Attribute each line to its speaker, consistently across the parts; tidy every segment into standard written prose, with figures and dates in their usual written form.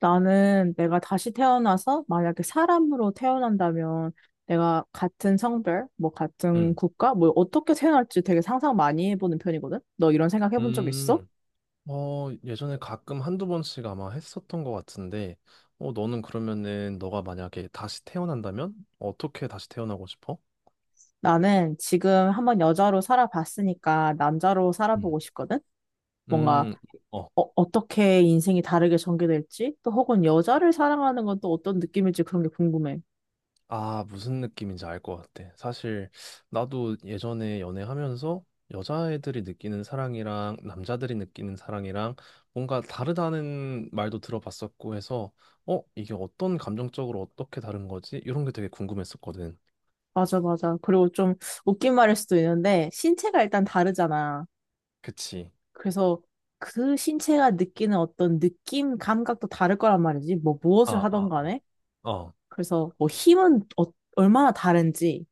Speaker 1: 나는 내가 다시 태어나서 만약에 사람으로 태어난다면 내가 같은 성별, 뭐 같은
Speaker 2: 음,
Speaker 1: 국가, 뭐 어떻게 태어날지 되게 상상 많이 해보는 편이거든? 너 이런 생각 해본 적 있어?
Speaker 2: 음, 어, 예전에 가끔 한두 번씩 아마 했었던 것 같은데, 어, 너는 그러면은 너가 만약에 다시 태어난다면 어떻게 다시 태어나고 싶어?
Speaker 1: 나는 지금 한번 여자로 살아봤으니까 남자로
Speaker 2: 음,
Speaker 1: 살아보고 싶거든? 뭔가
Speaker 2: 음, 어,
Speaker 1: 어떻게 인생이 다르게 전개될지, 또 혹은 여자를 사랑하는 건 또 어떤 느낌일지 그런 게 궁금해.
Speaker 2: 아, 무슨 느낌인지 알 것 같아. 사실, 나도 예전에 연애하면서 여자애들이 느끼는 사랑이랑 남자들이 느끼는 사랑이랑 뭔가 다르다는 말도 들어봤었고 해서, 어, 이게 어떤 감정적으로 어떻게 다른 거지? 이런 게 되게 궁금했었거든.
Speaker 1: 맞아, 맞아. 그리고 좀 웃긴 말일 수도 있는데 신체가 일단 다르잖아.
Speaker 2: 그치.
Speaker 1: 그래서 그 신체가 느끼는 어떤 느낌, 감각도 다를 거란 말이지. 뭐 무엇을
Speaker 2: 아,
Speaker 1: 하던
Speaker 2: 아.
Speaker 1: 간에.
Speaker 2: 어.
Speaker 1: 그래서 뭐 힘은 얼마나 다른지,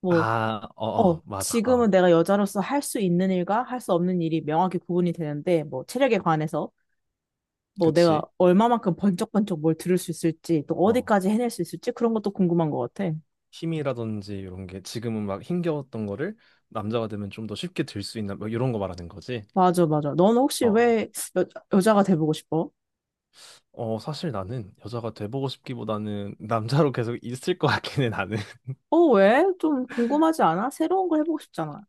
Speaker 1: 뭐,
Speaker 2: 아, 어, 어, 맞아. 어.
Speaker 1: 지금은 내가 여자로서 할 수 있는 일과 할 수 없는 일이 명확히 구분이 되는데, 뭐 체력에 관해서 뭐 내가
Speaker 2: 그치?
Speaker 1: 얼마만큼 번쩍번쩍 뭘 들을 수 있을지, 또
Speaker 2: 어.
Speaker 1: 어디까지 해낼 수 있을지 그런 것도 궁금한 것 같아.
Speaker 2: 힘이라든지 이런 게 지금은 막 힘겨웠던 거를 남자가 되면 좀 더 쉽게 들 수 있나 뭐 이런 거 말하는 거지.
Speaker 1: 맞아, 맞아. 넌 혹시
Speaker 2: 어.
Speaker 1: 왜 여, 여자가 돼보고 싶어?
Speaker 2: 어, 어, 사실 나는 여자가 돼보고 싶기보다는 남자로 계속 있을 것 같긴 해, 나는.
Speaker 1: 왜? 좀 궁금하지 않아? 새로운 걸 해보고 싶잖아.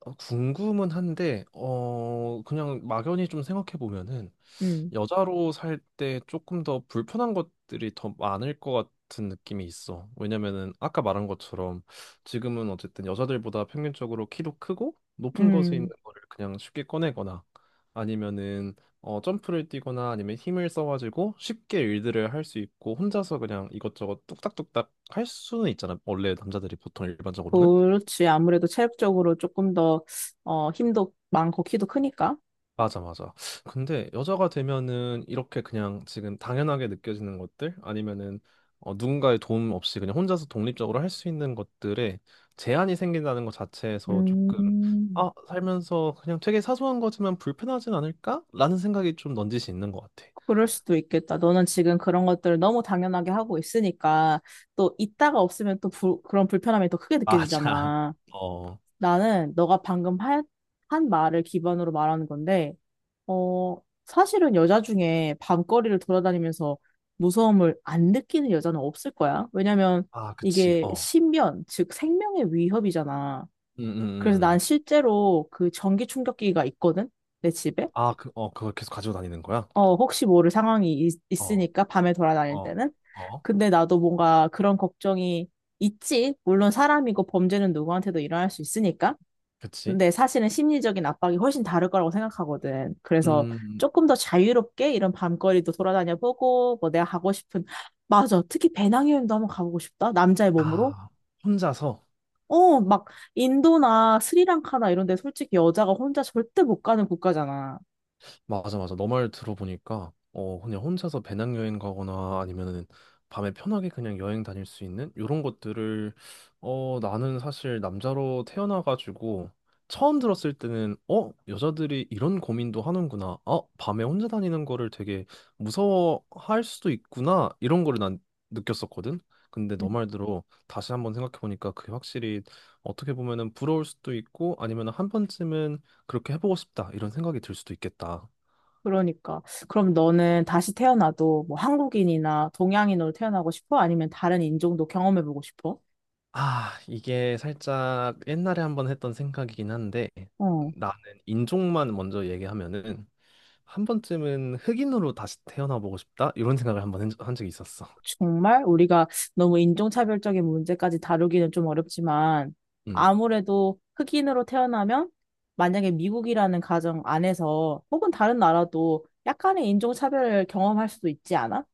Speaker 2: 어, 궁금은 한데, 어, 그냥 막연히 좀 생각해 보면은
Speaker 1: 음,
Speaker 2: 여자로 살 때 조금 더 불편한 것들이 더 많을 것 같은 느낌이 있어. 왜냐면은 아까 말한 것처럼 지금은 어쨌든 여자들보다 평균적으로 키도 크고 높은 곳에 있는
Speaker 1: 음.
Speaker 2: 거를 그냥 쉽게 꺼내거나 아니면은 어 점프를 뛰거나 아니면 힘을 써가지고 쉽게 일들을 할 수 있고 혼자서 그냥 이것저것 뚝딱뚝딱 할 수는 있잖아. 원래 남자들이 보통 일반적으로는.
Speaker 1: 그렇지. 아무래도 체력적으로 조금 더, 힘도 많고 키도 크니까.
Speaker 2: 맞아, 맞아. 근데 여자가 되면은 이렇게 그냥 지금 당연하게 느껴지는 것들 아니면은 어, 누군가의 도움 없이 그냥 혼자서 독립적으로 할 수 있는 것들에 제한이 생긴다는 것 자체에서 조금
Speaker 1: 음,
Speaker 2: 아, 살면서 그냥 되게 사소한 거지만 불편하진 않을까? 라는 생각이 좀 넌지시 있는 것 같아.
Speaker 1: 그럴 수도 있겠다. 너는 지금 그런 것들을 너무 당연하게 하고 있으니까 또 있다가 없으면 또 그런 불편함이 더 크게
Speaker 2: 맞아.
Speaker 1: 느껴지잖아.
Speaker 2: 어,
Speaker 1: 나는 너가 방금 한 말을 기반으로 말하는 건데, 어, 사실은 여자 중에 밤거리를 돌아다니면서 무서움을 안 느끼는 여자는 없을 거야. 왜냐면
Speaker 2: 아, 그치.
Speaker 1: 이게
Speaker 2: 어,
Speaker 1: 신변, 즉 생명의 위협이잖아.
Speaker 2: 음, 음,
Speaker 1: 그래서 난
Speaker 2: 음.
Speaker 1: 실제로 그 전기 충격기가 있거든? 내 집에?
Speaker 2: 아, 그, 어, 그걸 계속 가지고 다니는 거야?
Speaker 1: 혹시 모를 상황이 있,
Speaker 2: 어,
Speaker 1: 있으니까 밤에 돌아다닐
Speaker 2: 어,
Speaker 1: 때는.
Speaker 2: 어,
Speaker 1: 근데 나도 뭔가 그런 걱정이 있지. 물론 사람이고 범죄는 누구한테도 일어날 수 있으니까.
Speaker 2: 그치.
Speaker 1: 근데 사실은 심리적인 압박이 훨씬 다를 거라고 생각하거든. 그래서
Speaker 2: 음,
Speaker 1: 조금 더 자유롭게 이런 밤거리도 돌아다녀 보고, 뭐 내가 가고 싶은, 맞아. 특히 배낭여행도 한번 가보고 싶다. 남자의 몸으로.
Speaker 2: 아, 혼자서.
Speaker 1: 막 인도나 스리랑카나 이런 데 솔직히 여자가 혼자 절대 못 가는 국가잖아.
Speaker 2: 맞아, 맞아. 너 말 들어보니까, 어, 그냥 혼자서 배낭여행 가거나 아니면은 밤에 편하게 그냥 여행 다닐 수 있는 이런 것들을, 어, 나는 사실 남자로 태어나가지고 처음 들었을 때는, 어, 여자들이 이런 고민도 하는구나. 어, 밤에 혼자 다니는 거를 되게 무서워할 수도 있구나. 이런 거를 난 느꼈었거든. 근데
Speaker 1: 음.
Speaker 2: 너 말대로 다시 한번 생각해보니까 그게 확실히 어떻게 보면은 부러울 수도 있고 아니면 한 번쯤은 그렇게 해보고 싶다 이런 생각이 들 수도 있겠다.
Speaker 1: 그러니까. 그럼 너는 다시 태어나도 뭐 한국인이나 동양인으로 태어나고 싶어? 아니면 다른 인종도 경험해보고 싶어?
Speaker 2: 아, 이게 살짝 옛날에 한번 했던 생각이긴 한데
Speaker 1: 어,
Speaker 2: 나는 인종만 먼저 얘기하면은 한 번쯤은 흑인으로 다시 태어나 보고 싶다 이런 생각을 한 적이 있었어.
Speaker 1: 정말 우리가 너무 인종차별적인 문제까지 다루기는 좀 어렵지만
Speaker 2: 음,
Speaker 1: 아무래도 흑인으로 태어나면 만약에 미국이라는 가정 안에서 혹은 다른 나라도 약간의 인종차별을 경험할 수도 있지 않아?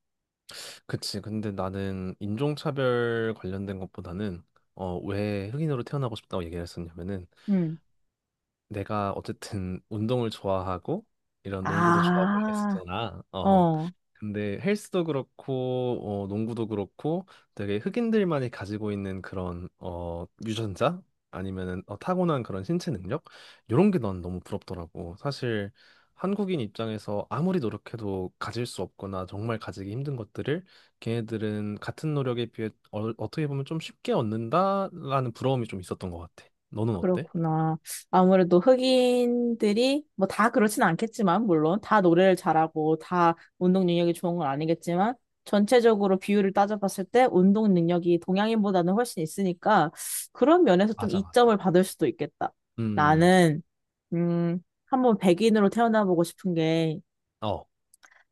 Speaker 2: 그치. 근데 나는 인종차별 관련된 것보다는 어, 왜 흑인으로 태어나고 싶다고 얘기를 했었냐면은
Speaker 1: 음.
Speaker 2: 내가 어쨌든 운동을 좋아하고 이런 농구도 좋아하고
Speaker 1: 아.
Speaker 2: 이랬었잖아. 어,
Speaker 1: 어,
Speaker 2: 근데 헬스도 그렇고 어, 농구도 그렇고 되게 흑인들만이 가지고 있는 그런 어, 유전자 아니면은 어, 타고난 그런 신체 능력 이런 게 난 너무 부럽더라고. 사실 한국인 입장에서 아무리 노력해도 가질 수 없거나 정말 가지기 힘든 것들을 걔네들은 같은 노력에 비해 어, 어떻게 보면 좀 쉽게 얻는다라는 부러움이 좀 있었던 것 같아. 너는 어때?
Speaker 1: 그렇구나. 아무래도 흑인들이, 뭐 다 그렇진 않겠지만, 물론 다 노래를 잘하고 다 운동 능력이 좋은 건 아니겠지만, 전체적으로 비율을 따져봤을 때 운동 능력이 동양인보다는 훨씬 있으니까, 그런 면에서 좀
Speaker 2: 맞아,
Speaker 1: 이점을
Speaker 2: 맞아.
Speaker 1: 받을 수도 있겠다.
Speaker 2: 음,
Speaker 1: 나는, 음, 한번 백인으로 태어나보고 싶은 게,
Speaker 2: 어,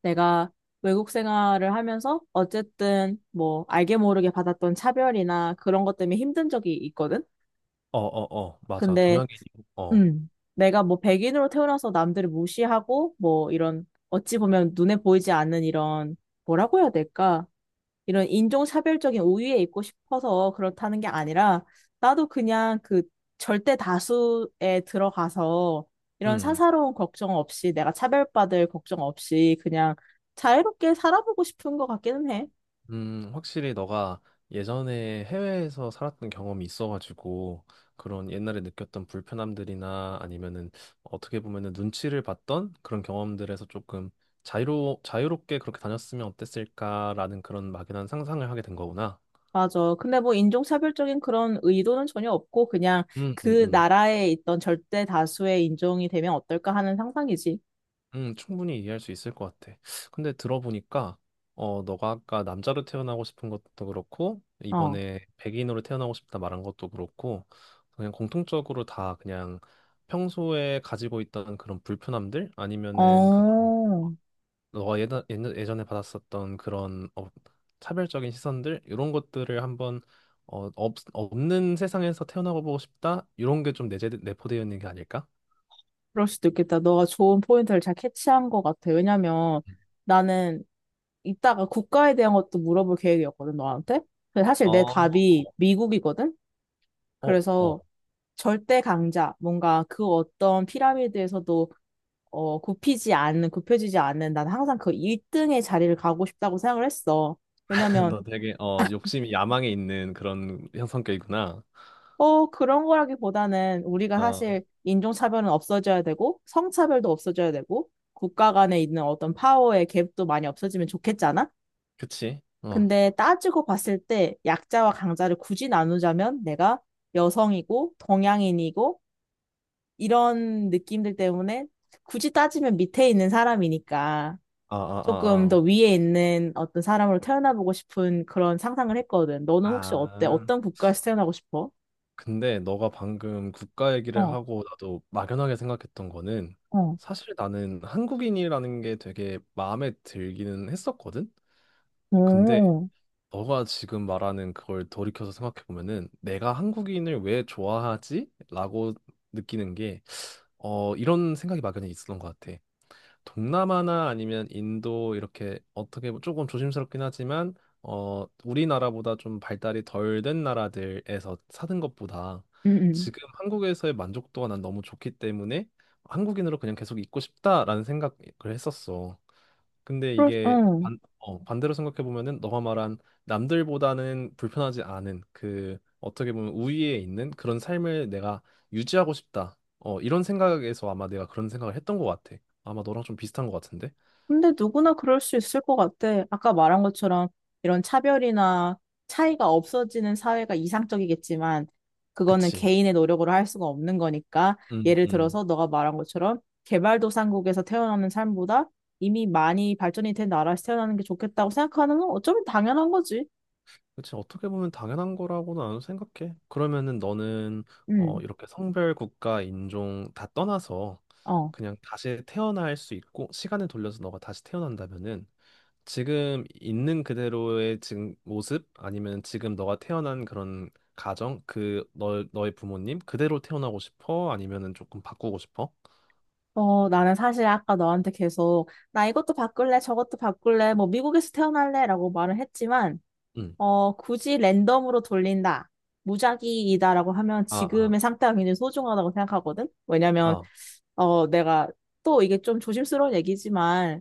Speaker 1: 내가 외국 생활을 하면서 어쨌든 뭐 알게 모르게 받았던 차별이나 그런 것 때문에 힘든 적이 있거든?
Speaker 2: 어, 어, 어, 맞아.
Speaker 1: 근데
Speaker 2: 동양인이, 어,
Speaker 1: 음, 내가 뭐 백인으로 태어나서 남들을 무시하고 뭐 이런 어찌 보면 눈에 보이지 않는 이런 뭐라고 해야 될까? 이런 인종차별적인 우위에 있고 싶어서 그렇다는 게 아니라 나도 그냥 그 절대 다수에 들어가서 이런
Speaker 2: 음.
Speaker 1: 사사로운 걱정 없이 내가 차별받을 걱정 없이 그냥 자유롭게 살아보고 싶은 것 같기는 해.
Speaker 2: 확실히 너가 예전에 해외에서 살았던 경험이 있어가지고 그런 옛날에 느꼈던 불편함들이나 아니면은 어떻게 보면은 눈치를 봤던 그런 경험들에서 조금 자유로 자유롭게 그렇게 다녔으면 어땠을까라는 그런 막연한 상상을 하게 된 거구나.
Speaker 1: 맞아. 근데 뭐 인종차별적인 그런 의도는 전혀 없고 그냥
Speaker 2: 음, 음,
Speaker 1: 그
Speaker 2: 음.
Speaker 1: 나라에 있던 절대 다수의 인종이 되면 어떨까 하는 상상이지.
Speaker 2: 충분히 이해할 수 있을 것 같아. 근데 들어보니까, 어, 너가 아까 남자로 태어나고 싶은 것도 그렇고,
Speaker 1: 어.
Speaker 2: 이번에 백인으로 태어나고 싶다 말한 것도 그렇고, 그냥 공통적으로 다 그냥 평소에 가지고 있던 그런 불편함들? 아니면은 그런,
Speaker 1: 어.
Speaker 2: 너가 예전에 받았었던 그런 어, 차별적인 시선들? 이런 것들을 한번, 어, 없는 세상에서 태어나고 보고 싶다? 이런 게 좀 내포되어 있는 게 아닐까?
Speaker 1: 그럴 수도 있겠다. 너가 좋은 포인트를 잘 캐치한 것 같아. 왜냐면 나는 이따가 국가에 대한 것도 물어볼 계획이었거든, 너한테. 근데 사실 내
Speaker 2: 어,
Speaker 1: 답이 미국이거든?
Speaker 2: 어, 어,
Speaker 1: 그래서 절대 강자, 뭔가 그 어떤 피라미드에서도 굽히지 않는, 굽혀지지 않는, 난 항상 그 1등의 자리를 가고 싶다고 생각을 했어. 왜냐면,
Speaker 2: 너 되게 어 욕심이 야망에 있는 그런 형 성격이구나.
Speaker 1: 그런 거라기보다는 우리가
Speaker 2: 어,
Speaker 1: 사실 인종차별은 없어져야 되고, 성차별도 없어져야 되고, 국가 간에 있는 어떤 파워의 갭도 많이 없어지면 좋겠잖아?
Speaker 2: 그치? 어,
Speaker 1: 근데 따지고 봤을 때 약자와 강자를 굳이 나누자면 내가 여성이고, 동양인이고, 이런 느낌들 때문에 굳이 따지면 밑에 있는 사람이니까.
Speaker 2: 아,
Speaker 1: 조금
Speaker 2: 아,
Speaker 1: 더 위에 있는 어떤 사람으로 태어나보고 싶은 그런 상상을 했거든. 너는
Speaker 2: 아,
Speaker 1: 혹시 어때?
Speaker 2: 아. 아.
Speaker 1: 어떤 국가에서 태어나고 싶어?
Speaker 2: 근데 너가 방금 국가 얘기를
Speaker 1: 어,
Speaker 2: 하고 나도 막연하게 생각했던 거는
Speaker 1: 어,
Speaker 2: 사실 나는 한국인이라는 게 되게 마음에 들기는 했었거든. 근데
Speaker 1: 오,
Speaker 2: 너가 지금 말하는 그걸 돌이켜서 생각해 보면은 내가 한국인을 왜 좋아하지? 라고 느끼는 게 어, 이런 생각이 막연히 있었던 것 같아. 동남아나 아니면 인도 이렇게 조금 조심스럽긴 하지만 어 우리나라보다 좀 발달이 덜 된 나라들에서 사는 것보다
Speaker 1: 응, 응.
Speaker 2: 지금 한국에서의 만족도가 난 너무 좋기 때문에 한국인으로 그냥 계속 있고 싶다라는 생각을 했었어. 근데
Speaker 1: 그럴,
Speaker 2: 이게
Speaker 1: 응.
Speaker 2: 반대로 생각해 보면은 너가 말한 남들보다는 불편하지 않은 그 어떻게 보면 우위에 있는 그런 삶을 내가 유지하고 싶다. 어, 이런 생각에서 아마 내가 그런 생각을 했던 것 같아. 아마 너랑 좀 비슷한 것 같은데.
Speaker 1: 근데 누구나 그럴 수 있을 것 같아. 아까 말한 것처럼 이런 차별이나 차이가 없어지는 사회가 이상적이겠지만, 그거는
Speaker 2: 그치?
Speaker 1: 개인의 노력으로 할 수가 없는 거니까,
Speaker 2: 음,
Speaker 1: 예를
Speaker 2: 음.
Speaker 1: 들어서 너가 말한 것처럼 개발도상국에서 태어나는 삶보다 이미 많이 발전이 된 나라에서 태어나는 게 좋겠다고 생각하는 건 어쩌면 당연한 거지.
Speaker 2: 그치. 어떻게 보면 당연한 거라고는 안 생각해. 그러면은 너는 어,
Speaker 1: 음,
Speaker 2: 이렇게 성별, 국가, 인종 다 떠나서
Speaker 1: 어.
Speaker 2: 그냥 다시 태어날 수 있고 시간을 돌려서 너가 다시 태어난다면은 지금 있는 그대로의 지금 모습 아니면 지금 너가 태어난 그런 가정 그 너, 너의 부모님 그대로 태어나고 싶어? 아니면은 조금 바꾸고 싶어?
Speaker 1: 나는 사실 아까 너한테 계속, 나 이것도 바꿀래, 저것도 바꿀래, 뭐, 미국에서 태어날래, 라고 말을 했지만,
Speaker 2: 응.
Speaker 1: 굳이 랜덤으로 돌린다, 무작위이다라고 하면
Speaker 2: 아, 아,
Speaker 1: 지금의 상태가 굉장히 소중하다고 생각하거든? 왜냐면,
Speaker 2: 아,
Speaker 1: 내가 또 이게 좀 조심스러운 얘기지만,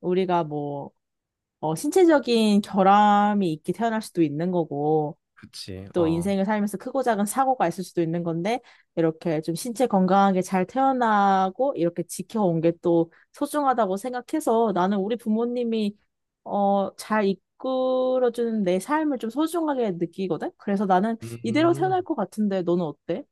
Speaker 1: 우리가 뭐, 신체적인 결함이 있게 태어날 수도 있는 거고,
Speaker 2: 그치.
Speaker 1: 또
Speaker 2: 어.
Speaker 1: 인생을 살면서 크고 작은 사고가 있을 수도 있는 건데, 이렇게 좀 신체 건강하게 잘 태어나고, 이렇게 지켜온 게 또 소중하다고 생각해서 나는 우리 부모님이, 잘 이끌어주는 내 삶을 좀 소중하게 느끼거든? 그래서 나는 이대로 태어날
Speaker 2: 음.
Speaker 1: 것 같은데, 너는 어때?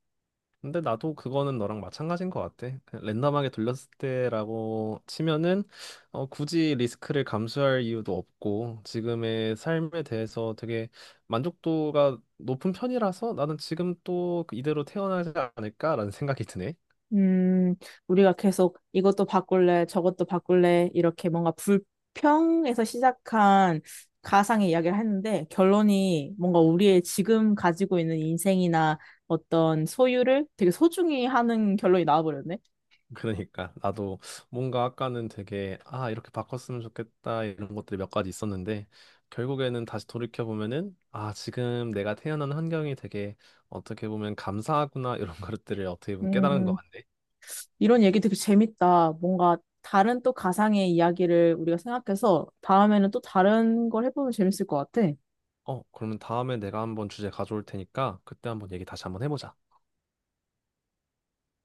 Speaker 2: 근데 나도 그거는 너랑 마찬가지인 것 같아. 그냥 랜덤하게 돌렸을 때라고 치면은 어, 굳이 리스크를 감수할 이유도 없고 지금의 삶에 대해서 되게 만족도가 높은 편이라서 나는 지금 또 그 이대로 태어나지 않을까라는 생각이 드네.
Speaker 1: 음, 우리가 계속 이것도 바꿀래, 저것도 바꿀래, 이렇게 뭔가 불평에서 시작한 가상의 이야기를 했는데, 결론이 뭔가 우리의 지금 가지고 있는 인생이나 어떤 소유를 되게 소중히 하는 결론이 나와버렸네.
Speaker 2: 그러니까 나도 뭔가 아까는 되게 아 이렇게 바꿨으면 좋겠다 이런 것들이 몇 가지 있었는데 결국에는 다시 돌이켜 보면은 아 지금 내가 태어난 환경이 되게 어떻게 보면 감사하구나 이런 것들을 어떻게 보면 깨달은 것
Speaker 1: 음,
Speaker 2: 같네.
Speaker 1: 이런 얘기 되게 재밌다. 뭔가 다른 또 가상의 이야기를 우리가 생각해서 다음에는 또 다른 걸 해보면 재밌을 것 같아.
Speaker 2: 어 그러면 다음에 내가 한번 주제 가져올 테니까 그때 한번 얘기 다시 한번 해보자.